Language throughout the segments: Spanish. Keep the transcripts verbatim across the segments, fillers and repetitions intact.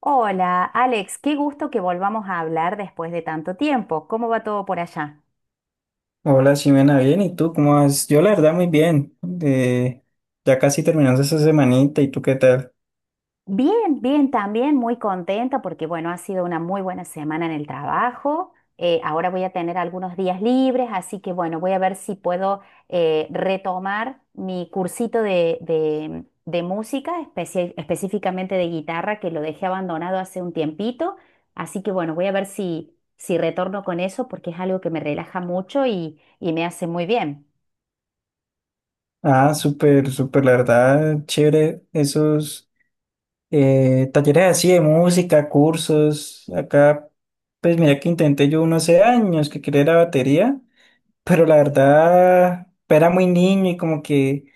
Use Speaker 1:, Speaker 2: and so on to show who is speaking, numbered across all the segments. Speaker 1: Hola, Alex, qué gusto que volvamos a hablar después de tanto tiempo. ¿Cómo va todo por allá?
Speaker 2: Hola, Ximena, bien, ¿y tú cómo vas? Yo la verdad muy bien. Eh, ya casi terminamos esa semanita, ¿y tú qué tal?
Speaker 1: Bien, bien, también muy contenta porque, bueno, ha sido una muy buena semana en el trabajo. Eh, ahora voy a tener algunos días libres, así que, bueno, voy a ver si puedo eh, retomar mi cursito de, de- de música, especia- específicamente de guitarra, que lo dejé abandonado hace un tiempito. Así que, bueno, voy a ver si, si retorno con eso porque es algo que me relaja mucho y y me hace muy bien.
Speaker 2: Ah, súper, súper, la verdad, chévere esos eh, talleres así de música, cursos. Acá, pues mira que intenté yo unos hace años que quería la batería, pero la verdad era muy niño y como que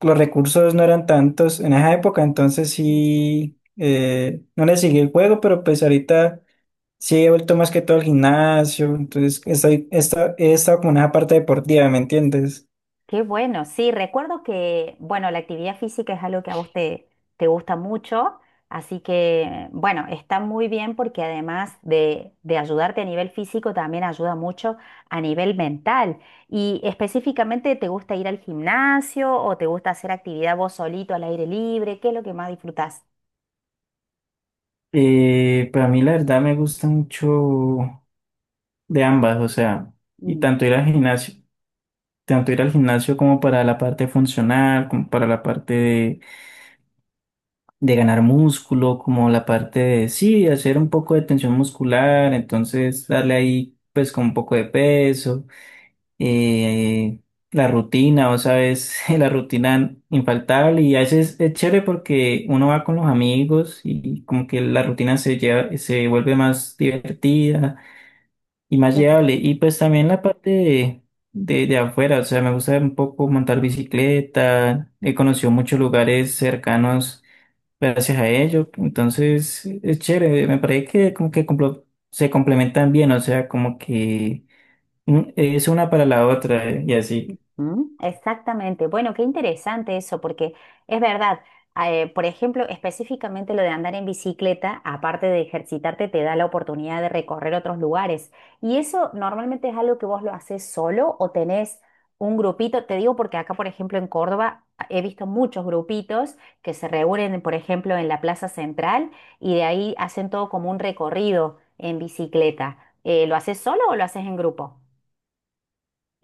Speaker 2: los recursos no eran tantos en esa época, entonces
Speaker 1: Ujú.
Speaker 2: sí, eh, no le seguí el juego, pero pues ahorita... Sí, he vuelto más que todo al gimnasio, entonces estoy, esta- he estado como en esa parte deportiva, ¿me entiendes?
Speaker 1: Qué bueno, sí, recuerdo que, bueno, la actividad física es algo que a vos te, te gusta mucho, así que, bueno, está muy bien porque además de, de ayudarte a nivel físico, también ayuda mucho a nivel mental. Y específicamente, ¿te gusta ir al gimnasio o te gusta hacer actividad vos solito al aire libre? ¿Qué es lo que más disfrutás?
Speaker 2: Eh, pero a mí la verdad me gusta mucho de ambas, o sea, y tanto ir al gimnasio, tanto ir al gimnasio como para la parte funcional, como para la parte de, de ganar músculo, como la parte de, sí, hacer un poco de tensión muscular, entonces darle ahí pues con un poco de peso. eh, la rutina, o sabes, la rutina infaltable. Y a veces es chévere porque uno va con los amigos y como que la rutina se lleva, se vuelve más divertida y más llevable. Y pues también la parte de, de, de afuera, o sea, me gusta un poco montar bicicleta, he conocido muchos lugares cercanos gracias a ello, entonces es chévere, me parece que como que complo- se complementan bien, o sea, como que Mm, es una para la otra, eh, y así.
Speaker 1: Mm, exactamente. Bueno, qué interesante eso, porque es verdad, ah, eh, por ejemplo, específicamente lo de andar en bicicleta, aparte de ejercitarte, te da la oportunidad de recorrer otros lugares. ¿Y eso normalmente es algo que vos lo haces solo o tenés un grupito? Te digo porque acá, por ejemplo, en Córdoba, a- he visto muchos grupitos que se reúnen, por ejemplo, en la Plaza Central y de ahí hacen todo como un recorrido en bicicleta. Eh, ¿lo haces solo o lo haces en grupo?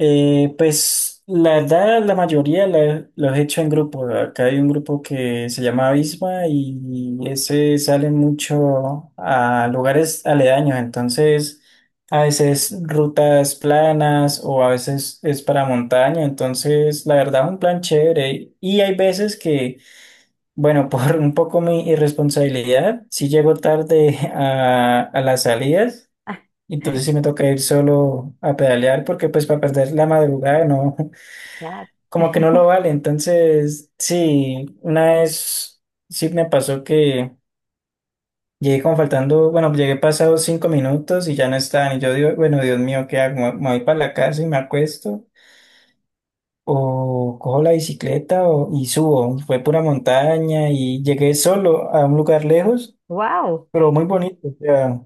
Speaker 2: Eh, pues la verdad, la mayoría la- los he hecho en grupo. Acá hay un grupo que se llama Abisma y ese sale mucho a lugares aledaños. Entonces, a veces rutas planas o a veces es para montaña. Entonces, la verdad, un plan chévere. Y hay veces que, bueno, por un poco mi irresponsabilidad, sí llego tarde a, a las salidas. Entonces sí me toca ir solo a pedalear porque pues para perder la madrugada no,
Speaker 1: Claro.
Speaker 2: como que no lo vale. Entonces sí, una vez sí me pasó que llegué como faltando, bueno, llegué pasados cinco minutos y ya no estaban. Y yo digo, bueno, Dios mío, ¿qué hago? ¿Me me voy para la casa y me acuesto? O cojo la bicicleta o- y subo. Fue pura montaña y llegué solo a un lugar lejos,
Speaker 1: ¡Wow!
Speaker 2: pero muy bonito. O sea,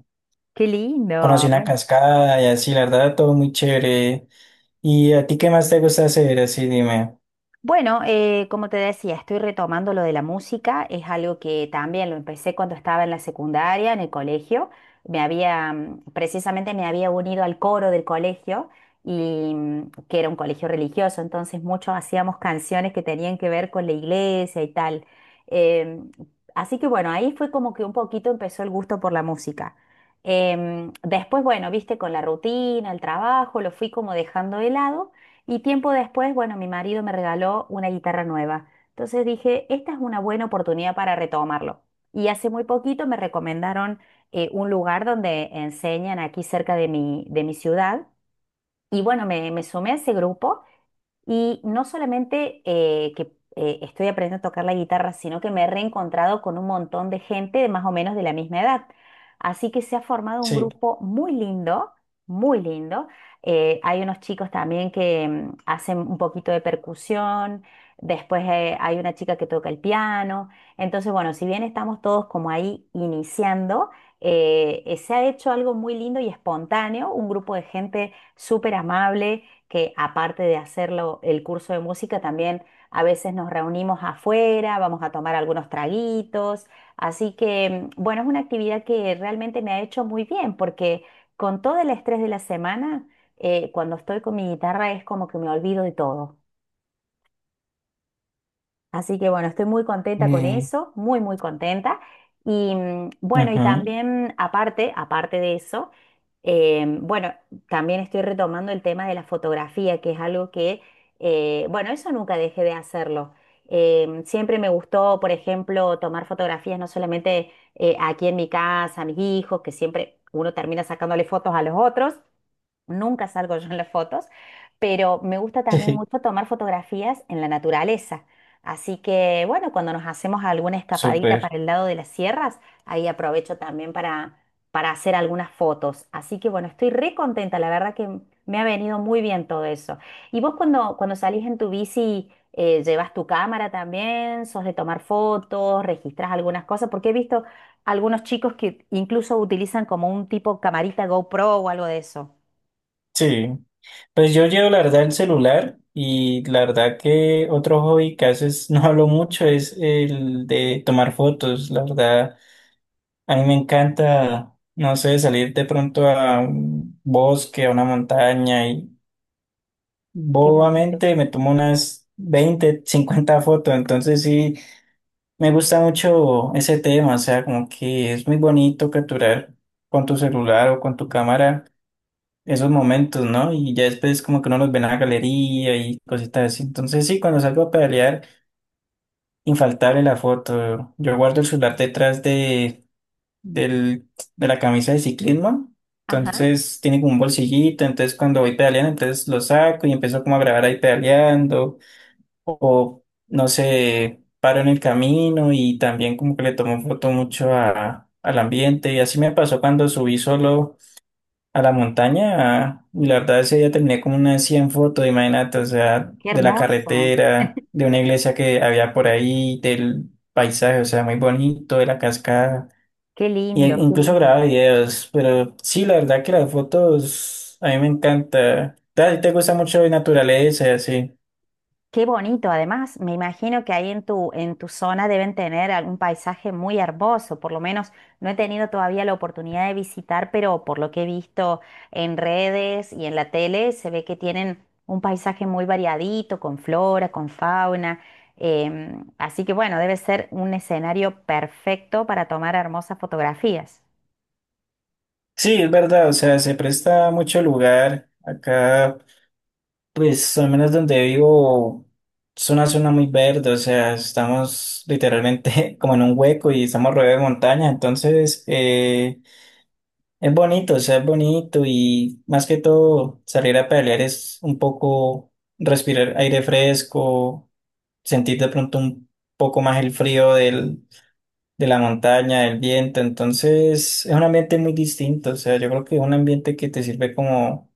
Speaker 1: Qué lindo.
Speaker 2: conocí una
Speaker 1: Bueno,
Speaker 2: cascada y así, la verdad, todo muy chévere. ¿Y a ti qué más te gusta hacer? Así dime.
Speaker 1: bueno, eh, como te decía, estoy retomando lo de la música. Es algo que también lo empecé cuando estaba en la secundaria, en el colegio. Me había, mm, precisamente me había unido al coro del colegio y mm, que era un colegio religioso, entonces muchos hacíamos canciones que tenían que ver con la iglesia y tal. Em, Así que bueno, ahí fue como que un poquito empezó el gusto por la música. Em, después, bueno, viste, con la rutina, el trabajo, lo fui como dejando de lado. Y tiempo después, bueno, mi marido me regaló una guitarra nueva. Entonces dije, esta es una buena oportunidad para retomarlo. Y hace muy poquito me recomendaron eh, un lugar donde enseñan aquí cerca de mi, de mi ciudad. Y bueno, me, me sumé a ese grupo y no solamente eh, que eh, estoy aprendiendo a tocar la guitarra, sino que me he reencontrado con un montón de gente de más o menos de la misma edad. Así que se ha formado un
Speaker 2: Sí.
Speaker 1: grupo muy lindo, muy lindo. Eh, hay unos chicos también que mm, hacen un poquito de percusión, después eh, hay una chica que toca el piano. Entonces, bueno, si bien estamos todos como ahí iniciando, eh, eh, se ha hecho algo muy lindo y espontáneo, un grupo de gente súper amable que aparte de hacerlo el curso de música, también a veces nos reunimos afuera, vamos a tomar algunos traguitos. Así que, mm, bueno, es una actividad que realmente me ha hecho muy bien porque con todo el estrés de la semana, eh, cuando estoy con mi guitarra es como que me olvido de todo. Así que bueno, estoy muy contenta con
Speaker 2: Mm,
Speaker 1: eso, muy, muy contenta. Y mm, bueno, y
Speaker 2: ujú.
Speaker 1: también aparte, aparte de eso, eh, bueno, también estoy retomando el tema de la fotografía, que es algo que, eh, bueno, eso nunca dejé de hacerlo. Em, siempre me gustó, por ejemplo, tomar fotografías no solamente eh, aquí en mi casa, a mis hijos, que siempre uno termina sacándole fotos a los otros, nunca salgo yo en las fotos, pero me gusta también mucho tomar fotografías en la naturaleza. Así que, bueno, cuando nos hacemos alguna escapadita para
Speaker 2: Súper.
Speaker 1: el lado de las sierras, ahí aprovecho también para, para hacer algunas fotos. Así que, bueno, estoy re contenta, la verdad que me ha venido muy bien todo eso. ¿Y vos cuando, cuando salís en tu bici, eh, llevas tu cámara también? ¿Sos de tomar fotos? ¿Registras algunas cosas? Porque he visto algunos chicos que incluso utilizan como un tipo camarita GoPro o algo de eso.
Speaker 2: Sí. Pues yo llevo la verdad el celular y la verdad que otro hobby que haces, no hablo mucho, es el de tomar fotos. La verdad, a mí me encanta, no sé, salir de pronto a un bosque, a una montaña y
Speaker 1: Qué bonito.
Speaker 2: bobamente me tomo unas veinte cincuenta fotos. Entonces sí. Me gusta mucho ese tema, o sea, como que es muy bonito capturar con tu celular o con tu cámara esos momentos, ¿no? Y ya después como que uno los ve en la galería y cositas así. Entonces sí, cuando salgo a pedalear, infaltable la foto. Yo guardo el celular detrás de, del, de la camisa de ciclismo,
Speaker 1: Ajá,
Speaker 2: entonces tiene como un bolsillito, entonces cuando voy pedaleando, entonces lo saco y empiezo como a grabar ahí pedaleando o no sé, paro en el camino y también como que le tomo foto mucho a, al ambiente. Y así me pasó cuando subí solo a la montaña, y la verdad ese día terminé como unas cien fotos, imagínate, o sea,
Speaker 1: qué
Speaker 2: de la
Speaker 1: hermoso.
Speaker 2: carretera, de una iglesia que había por ahí, del paisaje, o sea, muy bonito, de la cascada.
Speaker 1: Qué
Speaker 2: Y e-
Speaker 1: lindo, qué
Speaker 2: incluso
Speaker 1: lindo.
Speaker 2: grababa videos, pero sí, la verdad que las fotos a mí me encanta. ¿A ti te gusta mucho la naturaleza y así?
Speaker 1: Qué bonito. Además, me imagino que ahí en tu, en tu zona deben tener algún paisaje muy hermoso. Por lo menos no he tenido todavía la oportunidad de visitar, pero por lo que he visto en redes y en la tele, se ve que tienen un paisaje muy variadito, con flora, con fauna. Em, así que bueno, debe ser un escenario perfecto para tomar hermosas fotografías.
Speaker 2: Sí, es verdad, o sea, se presta mucho lugar. Acá, pues, al menos donde vivo, es una zona muy verde, o sea, estamos literalmente como en un hueco y estamos rodeados de montaña, entonces eh, es bonito, o sea, es bonito. Y más que todo salir a pedalear es un poco respirar aire fresco, sentir de pronto un poco más el frío del de la montaña, del viento, entonces es un ambiente muy distinto, o sea, yo creo que es un ambiente que te sirve como,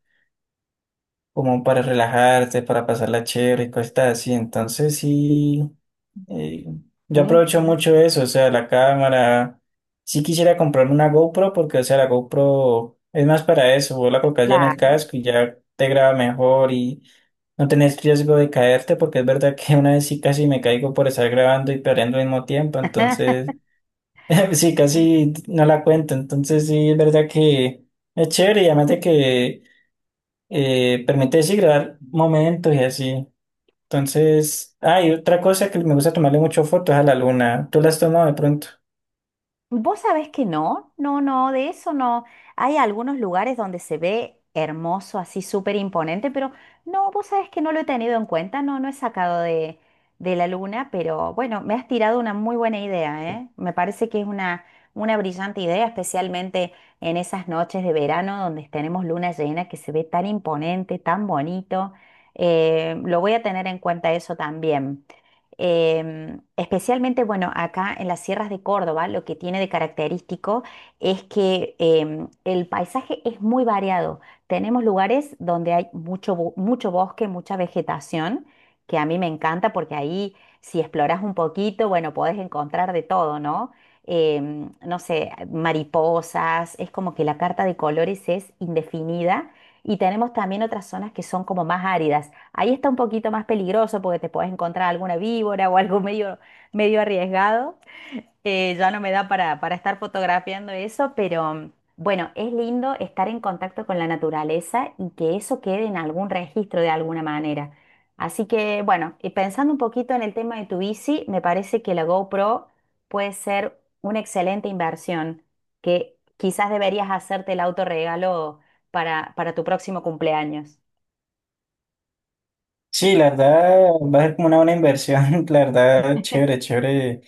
Speaker 2: como para relajarte, para pasarla chévere y cosas así, entonces sí, eh,
Speaker 1: Sí,
Speaker 2: yo aprovecho
Speaker 1: sí.
Speaker 2: mucho eso, o sea, la cámara, sí quisiera comprarme una GoPro porque, o sea, la GoPro es más para eso, vos la colocas ya en el
Speaker 1: Claro.
Speaker 2: casco y ya te graba mejor y... No tenés riesgo de caerte porque es verdad que una vez sí casi me caigo por estar grabando y perdiendo al mismo tiempo, entonces sí, casi no la cuento, entonces sí es verdad que es chévere. Y además de que eh, permite sí grabar momentos y así. Entonces, hay otra cosa que me gusta tomarle mucho fotos a la luna. ¿Tú las has tomado de pronto?
Speaker 1: Vos sabés que no, no, no, de eso no. Hay algunos lugares donde se ve hermoso, así súper imponente, pero no, vos sabés que no lo he tenido en cuenta, no, no he sacado de, de la luna, pero bueno, me has tirado una muy buena idea, ¿eh? Me parece que es una, una brillante idea, especialmente en esas noches de verano donde tenemos luna llena que se ve tan imponente, tan bonito. Eh, lo voy a tener en cuenta eso también. Em, especialmente, bueno, acá en las sierras de Córdoba, lo que tiene de característico es que em, el paisaje es muy variado. Tenemos lugares donde hay mucho, bo- mucho bosque, mucha vegetación, que a mí me encanta porque ahí si exploras un poquito, bueno, podés encontrar de todo, ¿no? Em, no sé, mariposas, es como que la carta de colores es indefinida. Y tenemos también otras zonas que son como más áridas. Ahí está un poquito más peligroso porque te puedes encontrar alguna víbora o algo medio, medio arriesgado. Eh, ya no me da para, para estar fotografiando eso, pero bueno, es lindo estar en contacto con la naturaleza y que eso quede en algún registro de alguna manera. Así que bueno, y pensando un poquito en el tema de tu bici, me parece que la GoPro puede ser una excelente inversión, que quizás deberías hacerte el autorregalo para, para tu próximo cumpleaños.
Speaker 2: Sí, la verdad va a ser como una buena inversión, la verdad, chévere, chévere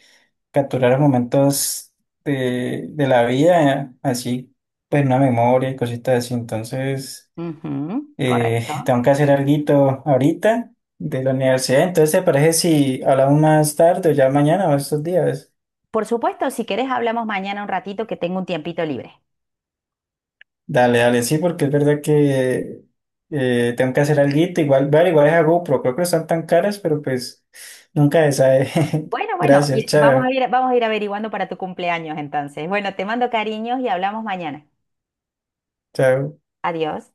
Speaker 2: capturar momentos de, de la vida, así, pues una memoria y cositas así, entonces.
Speaker 1: Ujú,
Speaker 2: Eh,
Speaker 1: correcto.
Speaker 2: tengo que hacer algo ahorita de la universidad, entonces ¿te parece si hablamos más tarde o ya mañana o estos días?
Speaker 1: Por supuesto, si querés hablamos mañana un ratito que tengo un tiempito libre.
Speaker 2: Dale, dale, sí, porque es verdad que eh, tengo que hacer algo igual, vale, igual es a GoPro, creo que no están tan caras, pero pues nunca se sabe.
Speaker 1: Bueno, bueno,
Speaker 2: Gracias,
Speaker 1: y vamos
Speaker 2: chao,
Speaker 1: a ir, vamos a ir averiguando para tu cumpleaños entonces. Bueno, te mando cariños y hablamos mañana.
Speaker 2: chao.
Speaker 1: Adiós.